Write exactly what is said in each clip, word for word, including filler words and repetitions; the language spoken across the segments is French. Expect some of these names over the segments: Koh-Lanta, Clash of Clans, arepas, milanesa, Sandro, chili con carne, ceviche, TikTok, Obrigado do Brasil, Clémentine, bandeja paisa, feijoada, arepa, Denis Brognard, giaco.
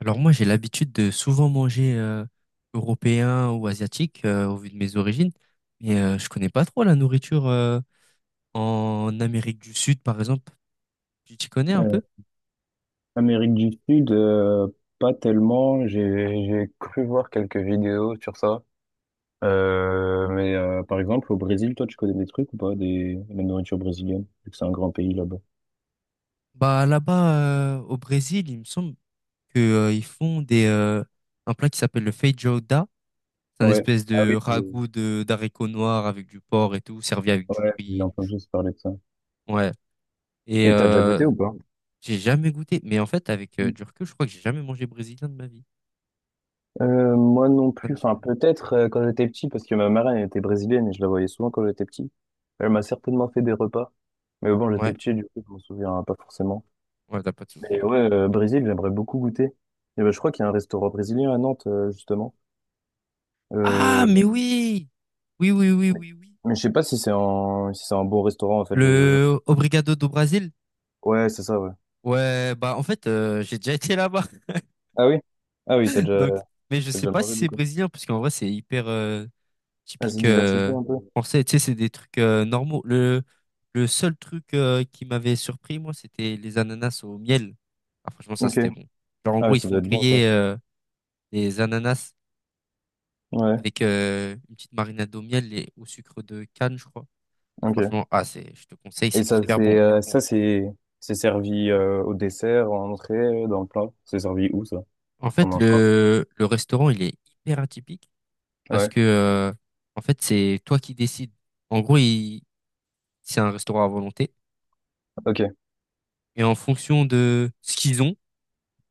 Alors moi, j'ai l'habitude de souvent manger euh, européen ou asiatique, euh, au vu de mes origines, mais euh, je connais pas trop la nourriture euh, en Amérique du Sud, par exemple. Tu t'y connais un Euh, peu? Amérique du Sud, euh, pas tellement. J'ai j'ai cru voir quelques vidéos sur ça. Euh, mais euh, par exemple, au Brésil, toi, tu connais des trucs ou pas, des, la nourriture brésilienne, vu que c'est un grand pays là-bas. Bah là-bas, euh, au Brésil, il me semble que euh, ils font des euh, un plat qui s'appelle le feijoada. C'est un Ouais. espèce Ah de oui, j'ai- ragoût de d'haricots noirs avec du porc et tout, servi avec du ouais, j'ai riz, du chou. entendu se parler de ça. Ouais. Et Et t'as déjà euh, goûté ou pas? j'ai jamais goûté, mais en fait, avec euh, du recul, je crois que j'ai jamais mangé brésilien de ma vie. Euh, moi non Ça plus, me dit enfin rien. peut-être euh, quand j'étais petit, parce que ma marraine elle était brésilienne et je la voyais souvent quand j'étais petit. Elle m'a certainement fait des repas, mais bon, j'étais Ouais. petit, du coup, je m'en souviens pas forcément. Ouais, t'as pas de Et souvenir. ouais, euh, Brésil, j'aimerais beaucoup goûter. Et ben, je crois qu'il y a un restaurant brésilien à Nantes, euh, justement. Ah, Euh, mais oui! Oui, oui, oui, oui, oui. mais je sais pas si c'est un, si c'est un bon restaurant, en fait. Je, je- Le Obrigado do Brasil? Ouais, c'est ça, ouais. Ouais, bah en fait, euh, j'ai déjà été là-bas. Ah oui? Ah oui, t'as déjà, Donc, mais je t'as sais déjà pas si mangé, du c'est coup. brésilien, parce qu'en vrai, c'est hyper euh, Ah, c'est typique diversifié euh, un peu. français. Tu sais, c'est des trucs euh, normaux. Le, le seul truc euh, qui m'avait surpris, moi, c'était les ananas au miel. Ah, franchement, ça, Ok. c'était bon. Genre, en Ah gros, oui, ils ça font doit être bon, toi. griller euh, des ananas Ouais, avec euh, une petite marinade au miel et au sucre de canne, je crois. Et ok. franchement, ah, c'est, je te conseille, Et c'est ça, hyper bon. c'est, euh, ça, c'est, c'est servi, euh, au dessert, en entrée, dans le plat. C'est servi où, ça? En T'en fait, manges quoi? le, le restaurant, il est hyper atypique parce Ouais. que, euh, en fait, c'est toi qui décides. En gros, il- c'est un restaurant à volonté. Ok. Et en fonction de ce qu'ils ont,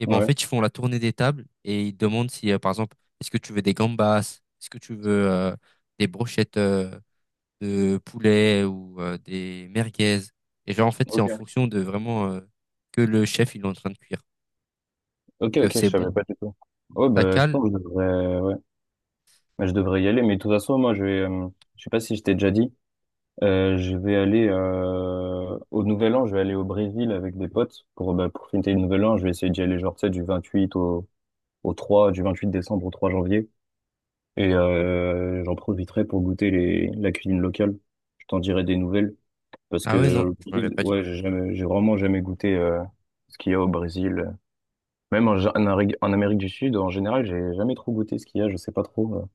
et ben, en Ouais. fait, ils font la tournée des tables et ils demandent si, euh, par exemple, est-ce que tu veux des gambas, est-ce que tu veux euh, des brochettes euh, de poulet ou euh, des merguez. Et genre, en fait, c'est Ok. en fonction de vraiment euh, que le chef, il est en train de cuire. Ok, Donc, euh, ok, c'est je bon, savais pas du tout. Ouais, ça bah, je cale. pense que je devrais, ouais. Bah, je devrais y aller, mais de toute façon, moi, je vais, euh, je sais pas si je t'ai déjà dit, euh, je vais aller euh, au Nouvel An, je vais aller au Brésil avec des potes pour, bah, pour fêter le Nouvel An. Je vais essayer d'y aller, genre, tu sais, du vingt-huit au, au trois, du vingt-huit décembre au trois janvier. Et euh, j'en profiterai pour goûter les, la cuisine locale. Je t'en dirai des nouvelles parce que Ah ouais, non, le tu m'avais Brésil, pas dit. ouais, j'ai jamais, j'ai vraiment jamais goûté euh, ce qu'il y a au Brésil. Même en, en, Amérique en Amérique du Sud, en général, j'ai jamais trop goûté ce qu'il y a. Je sais pas trop. Euh,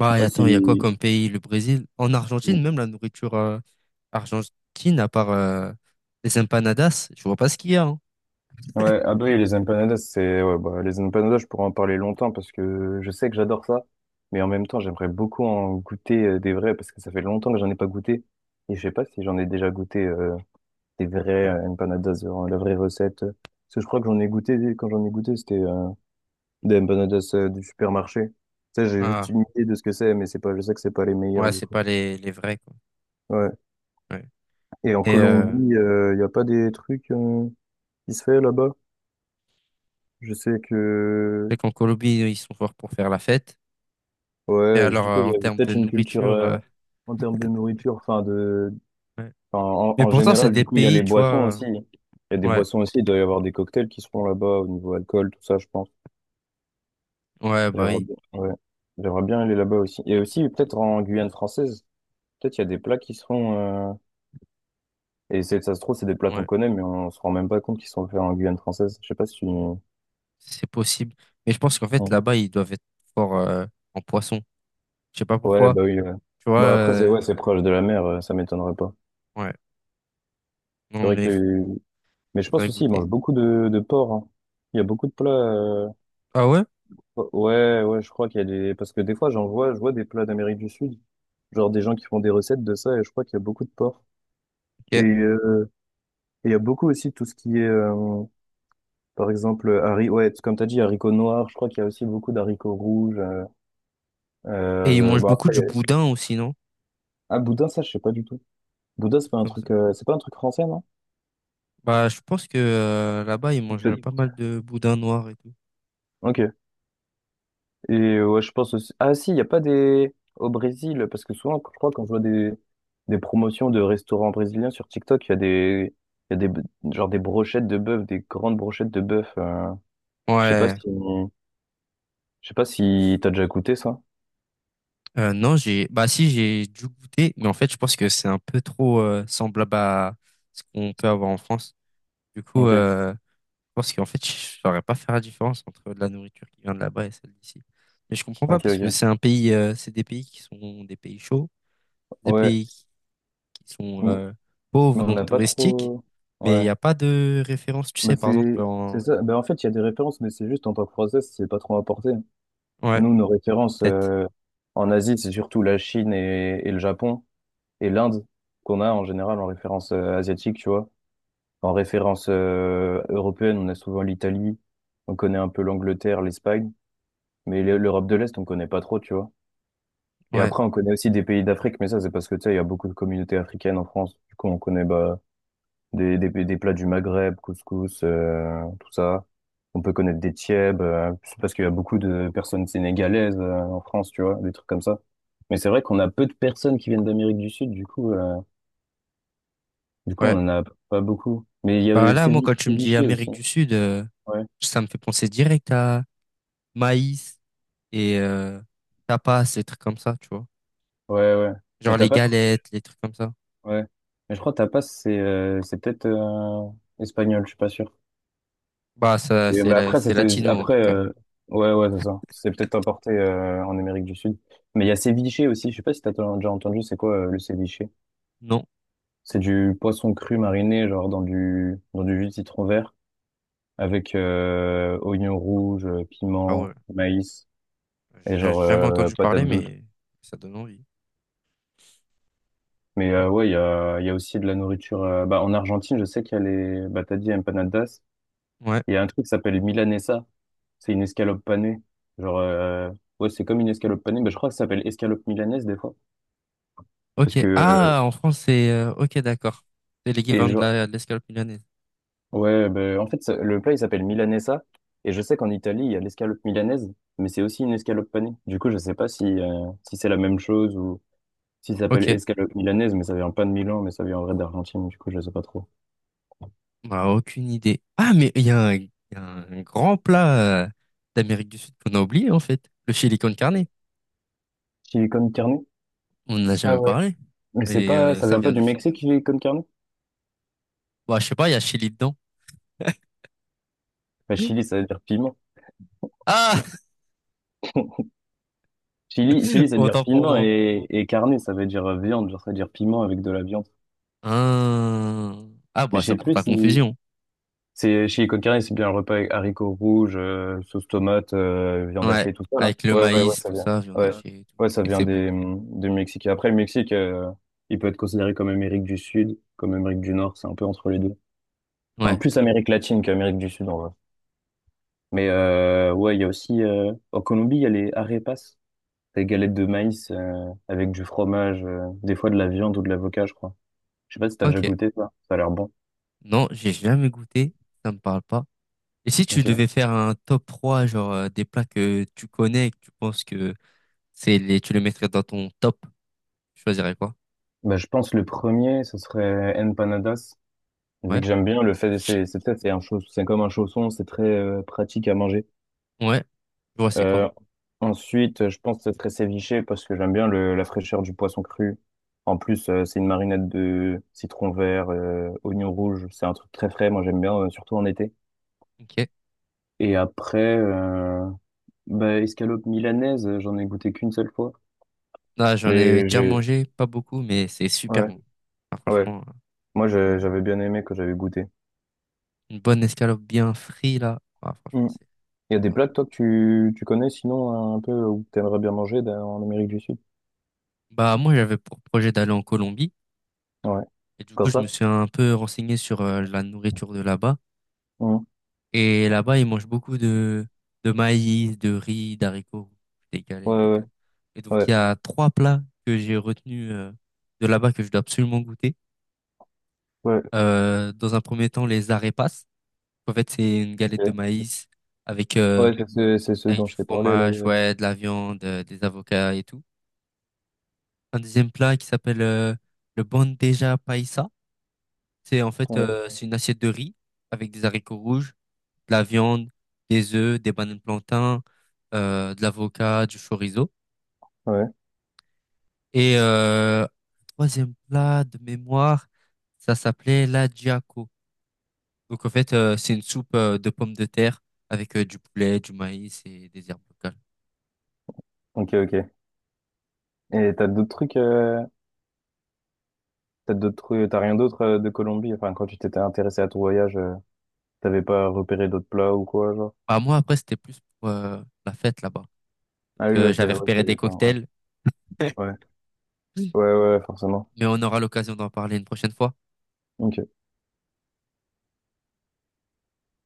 je sais et pas attends, il y a quoi si comme pays? Le Brésil? En Argentine, même la nourriture euh, argentine, à part euh, les empanadas, je vois pas ce qu'il y a, hein. Ouais, ah bah oui, les empanadas, c'est ouais, bah, les empanadas, je pourrais en parler longtemps parce que je sais que j'adore ça, mais en même temps, j'aimerais beaucoup en goûter euh, des vrais parce que ça fait longtemps que j'en ai pas goûté et je sais pas si j'en ai déjà goûté euh, des vrais euh, empanadas, euh, la vraie recette. Parce que je crois que j'en ai goûté quand j'en ai goûté, c'était euh, des empanadas euh, du supermarché. Ça, j'ai juste Ah, une idée de ce que c'est, mais c'est pas, je sais que c'est pas les meilleurs ouais, du c'est coup. pas les, les vrais, quoi. Ouais. Ouais. Et en Et euh, je Colombie, il y a pas des trucs euh, qui se fait là-bas? Je sais que sais qu'en Colombie, ils sont forts pour faire la fête. Mais Ouais, je- alors, du coup, euh, il en y avait termes de peut-être une culture nourriture, euh, euh, en termes de nourriture, enfin de, ouais. enfin, en, Mais en pourtant, c'est général, du des coup, il y a pays, les tu vois. boissons Euh, aussi. Il y a des ouais, boissons aussi, il doit y avoir des cocktails qui se font là-bas au niveau alcool, tout ça, je pense. ouais, bah J'aimerais oui, bien, ouais. J'aimerais bien aller là-bas aussi. Et aussi, peut-être en Guyane française, peut-être il y a des plats qui se font, euh, et c'est, ça se trouve, c'est des plats qu'on ouais, connaît, mais on se rend même pas compte qu'ils sont faits en Guyane française. Je sais pas si tu... c'est possible. Mais je pense qu'en fait, là-bas, ils doivent être forts euh, en poisson. Je sais pas Ouais, pourquoi. bah oui, ouais. Tu vois, Bah après, c'est, ouais, euh, c'est proche de la mer, euh, ça m'étonnerait pas. ouais. C'est Non, vrai qu'il mais y a eu. Mais je pense faudrait aussi, ils goûter. mangent beaucoup de, de porc, hein. Il y a beaucoup de plats. euh, Ah ouais? Ouais, ouais, ouais, je crois qu'il y a des. Parce que des fois, j'en vois, je vois des plats d'Amérique du Sud. Genre des gens qui font des recettes de ça, et je crois qu'il y a beaucoup de porc. Et Ok. euh, et il y a beaucoup aussi tout ce qui est, euh, par exemple, haricots, ouais, comme t'as dit, haricots noirs, je crois qu'il y a aussi beaucoup d'haricots rouges. euh, Et ils euh, mangent Bon, beaucoup après, il du y a- boudin aussi, non? ah, boudin, ça, je sais pas du tout. Des Boudin, c'est trucs pas un comme ça. truc, euh, c'est pas un truc français, non? Bah, je pense que euh, là-bas, ils mangent pas Ok. mal de boudin noir et tout. Ok. Et euh, ouais, je pense aussi. Ah si, il n'y a pas des. Au Brésil, parce que souvent, je crois, quand je vois des, des promotions de restaurants brésiliens sur TikTok, il y a des. Il y a des. B- Genre des brochettes de bœuf, des grandes brochettes de bœuf. euh, Je sais pas si. Ouais. Je sais pas si t'as déjà goûté ça. Euh, non, j'ai. Bah, si, j'ai dû goûter, mais en fait, je pense que c'est un peu trop euh, semblable à ce qu'on peut avoir en France. Du coup, Ok, euh, je pense qu'en fait, je saurais pas faire la différence entre de la nourriture qui vient de là-bas et celle d'ici. Mais je comprends pas ok, parce que ok. c'est un pays, euh, c'est des pays qui sont des pays chauds, des Ouais, pays qui sont m- euh, mais pauvres, on donc n'a pas touristiques, trop. mais il Ouais, n'y a pas de référence, tu bah sais, par exemple, c'est c'est en... ça. Bah en fait, il y a des références, mais c'est juste en tant que Français, c'est pas trop apporté. Ouais, Nous, nos références peut-être. euh, en Asie, c'est surtout la Chine et, et le Japon. Et l'Inde qu'on a en général en référence euh, asiatique, tu vois. En référence euh, européenne, on a souvent l'Italie, on connaît un peu l'Angleterre, l'Espagne, mais l'E- l'Europe de l'Est, on connaît pas trop, tu vois. Et Ouais, après, on connaît aussi des pays d'Afrique, mais ça, c'est parce que, tu sais, il y a beaucoup de communautés africaines en France. Du coup, on connaît bah, des, des, des plats du Maghreb, couscous, euh, tout ça. On peut connaître des tièbes, euh, c'est parce qu'il y a beaucoup de personnes sénégalaises euh, en France, tu vois, des trucs comme ça. Mais c'est vrai qu'on a peu de personnes qui viennent d'Amérique du Sud, du coup, euh, Du coup, ouais. on en a pas beaucoup. Mais il y a Bah le là, moi, sévi- quand tu me dis séviché aussi. Amérique du Sud, euh, Ouais, ça me fait penser direct à maïs et euh, tapas, les trucs comme ça, tu vois. ouais, ouais. Mais Genre t'as les pas, je crois. galettes, les trucs comme ça. Ouais. Mais je crois que tapas, c'est euh, c'est peut-être euh, espagnol, je suis pas sûr. Bah, ça, Et c'est bah, la- après, c'est c'était latino, en après. tout cas. euh, Ouais, ouais, c'est ça. C'est peut-être importé euh, en Amérique du Sud. Mais il y a ceviche aussi. Je sais pas si t'as t- déjà entendu. C'est quoi euh, le ceviche? Non. C'est du poisson cru mariné, genre dans du dans du jus de citron vert avec euh, oignons rouges, euh, Ah ouais. piment, maïs et J'ai genre jamais euh, entendu parler, patate douce. mais ça donne envie. Mais euh, ouais, il y a, il y a aussi de la nourriture. Euh, bah, en Argentine, je sais qu'il y a les. Bah, t'as dit empanadas. Ouais. Il y a un truc qui s'appelle milanesa. C'est une escalope panée. Genre, euh, ouais, c'est comme une escalope panée. Bah, je crois que ça s'appelle escalope milanaise des fois. Parce Ok. que. Euh, Ah, en France, c'est... euh, ok, d'accord. C'est et l'équivalent je... de la, de l'escalope milanaise. Ouais, bah, en fait, ça- le plat, il s'appelle milanesa. Et je sais qu'en Italie, il y a l'escalope milanaise. Mais c'est aussi une escalope panée. Du coup, je sais pas si, euh, si c'est la même chose ou si ça s'appelle Ok. escalope milanaise. Mais ça vient pas de Milan, mais ça vient en vrai d'Argentine. Du coup, je sais pas trop. On a aucune idée. Ah, mais il y a un, il y a un grand plat euh, d'Amérique du Sud qu'on a oublié, en fait. Le chili con carne. Chili con carne? On n'en a Ah jamais ouais. parlé. Mais c'est Et pas, euh, ça ça vient pas vient du du Chili. Mexique, chili con carne? Bah, je sais pas, il y a chili dedans. Enfin, chili, ça veut dire piment. Ah! Chili, chili, ça veut dire Autant pour piment moi. et, et carne, ça veut dire euh, viande, genre ça veut dire piment avec de la viande. Ah, ah Mais bah, je ça sais porte plus à si confusion. c'est chili con carne, c'est bien un repas avec haricots rouges, euh, sauce tomate, euh, viande Ouais. hachée, tout ça là. Avec le Ouais, ouais, ouais, maïs, ça tout vient. ça, viande Ouais, hachée et tout. ouais, ça Et vient c'est bon. des du Mexique. Et après, le Mexique, euh, il peut être considéré comme Amérique du Sud, comme Amérique du Nord, c'est un peu entre les deux. Enfin, Ouais. plus Amérique latine qu'Amérique du Sud en vrai. Mais euh, ouais, il y a aussi euh, en Colombie, il y a les arepas. Des galettes de maïs euh, avec du fromage, euh, des fois de la viande ou de l'avocat, je crois. Je sais pas si t'as déjà Ok. goûté ça. Ça a l'air bon. Non, j'ai jamais goûté. Ça me parle pas. Et si tu Ok. devais faire un top trois genre, euh, des plats que tu connais et que tu penses que c'est les, tu les mettrais dans ton top. Tu choisirais quoi? Bah, je pense le premier, ce serait empanadas. Vu Ouais. que j'aime bien le fait, c'est c'est peut-être c'est un chausson, c'est comme un chausson, c'est très euh, pratique à manger. Ouais. Je vois, c'est quoi? Euh, ensuite, je pense que ce serait ceviche parce que j'aime bien le, la fraîcheur du poisson cru. En plus, euh, c'est une marinade de citron vert, euh, oignon rouge. C'est un truc très frais. Moi, j'aime bien, euh, surtout en été. Ok. Et après, euh, bah, escalope milanaise, euh, j'en ai goûté qu'une seule fois. Là, j'en ai Mais déjà j'ai... mangé, pas beaucoup, mais c'est super Ouais, bon. Ah, ouais. franchement, Moi, j'ai- euh, j'avais bien aimé que j'avais goûté. une bonne escalope bien frite, là. Ah, franchement, Mm. c'est Il y a c'est des pas plats mal. que toi que tu, tu connais sinon euh, un peu ou que t'aimerais bien manger dans- en Amérique du Sud? Bah, moi, j'avais pour projet d'aller en Colombie. Ouais. Et du coup, Comme je ça? me suis un peu renseigné sur euh, la nourriture de là-bas. Mm. Et là-bas, ils mangent beaucoup de, de maïs, de riz, d'haricots, rouges, des Ouais, galettes et ouais, tout. Et donc, ouais. il y a trois plats que j'ai retenus euh, de là-bas que je dois absolument goûter. Ouais, Euh, dans un premier temps, les arepas. En fait, c'est une galette de ok. maïs avec, euh, Ouais, c'est ce, c'est ce avec dont du je t'ai parlé là. Il y fromage, a- ouais, de la viande, euh, des avocats et tout. Un deuxième plat qui s'appelle euh, le bandeja paisa. C'est en fait Ouais. euh, c'est une assiette de riz avec des haricots rouges, de la viande, des œufs, des bananes plantains, euh, de l'avocat, du chorizo. Ouais. Et euh, troisième plat de mémoire, ça s'appelait la giaco. Donc en fait, euh, c'est une soupe euh, de pommes de terre avec euh, du poulet, du maïs et des herbes locales. Ok, ok. Et t'as d'autres trucs, euh, t'as d'autres trucs, t'as rien d'autre euh, de Colombie? Enfin, quand tu t'étais intéressé à ton voyage, euh, t'avais pas repéré d'autres plats ou quoi, genre? Bah, moi, après, c'était plus pour euh, la fête là-bas. Ah Donc oui, euh, ouais, t'es, j'avais ouais, repéré des t'avais pas, cocktails, ouais. mais Ouais, ouais, forcément. on aura l'occasion d'en parler une prochaine fois. Ok.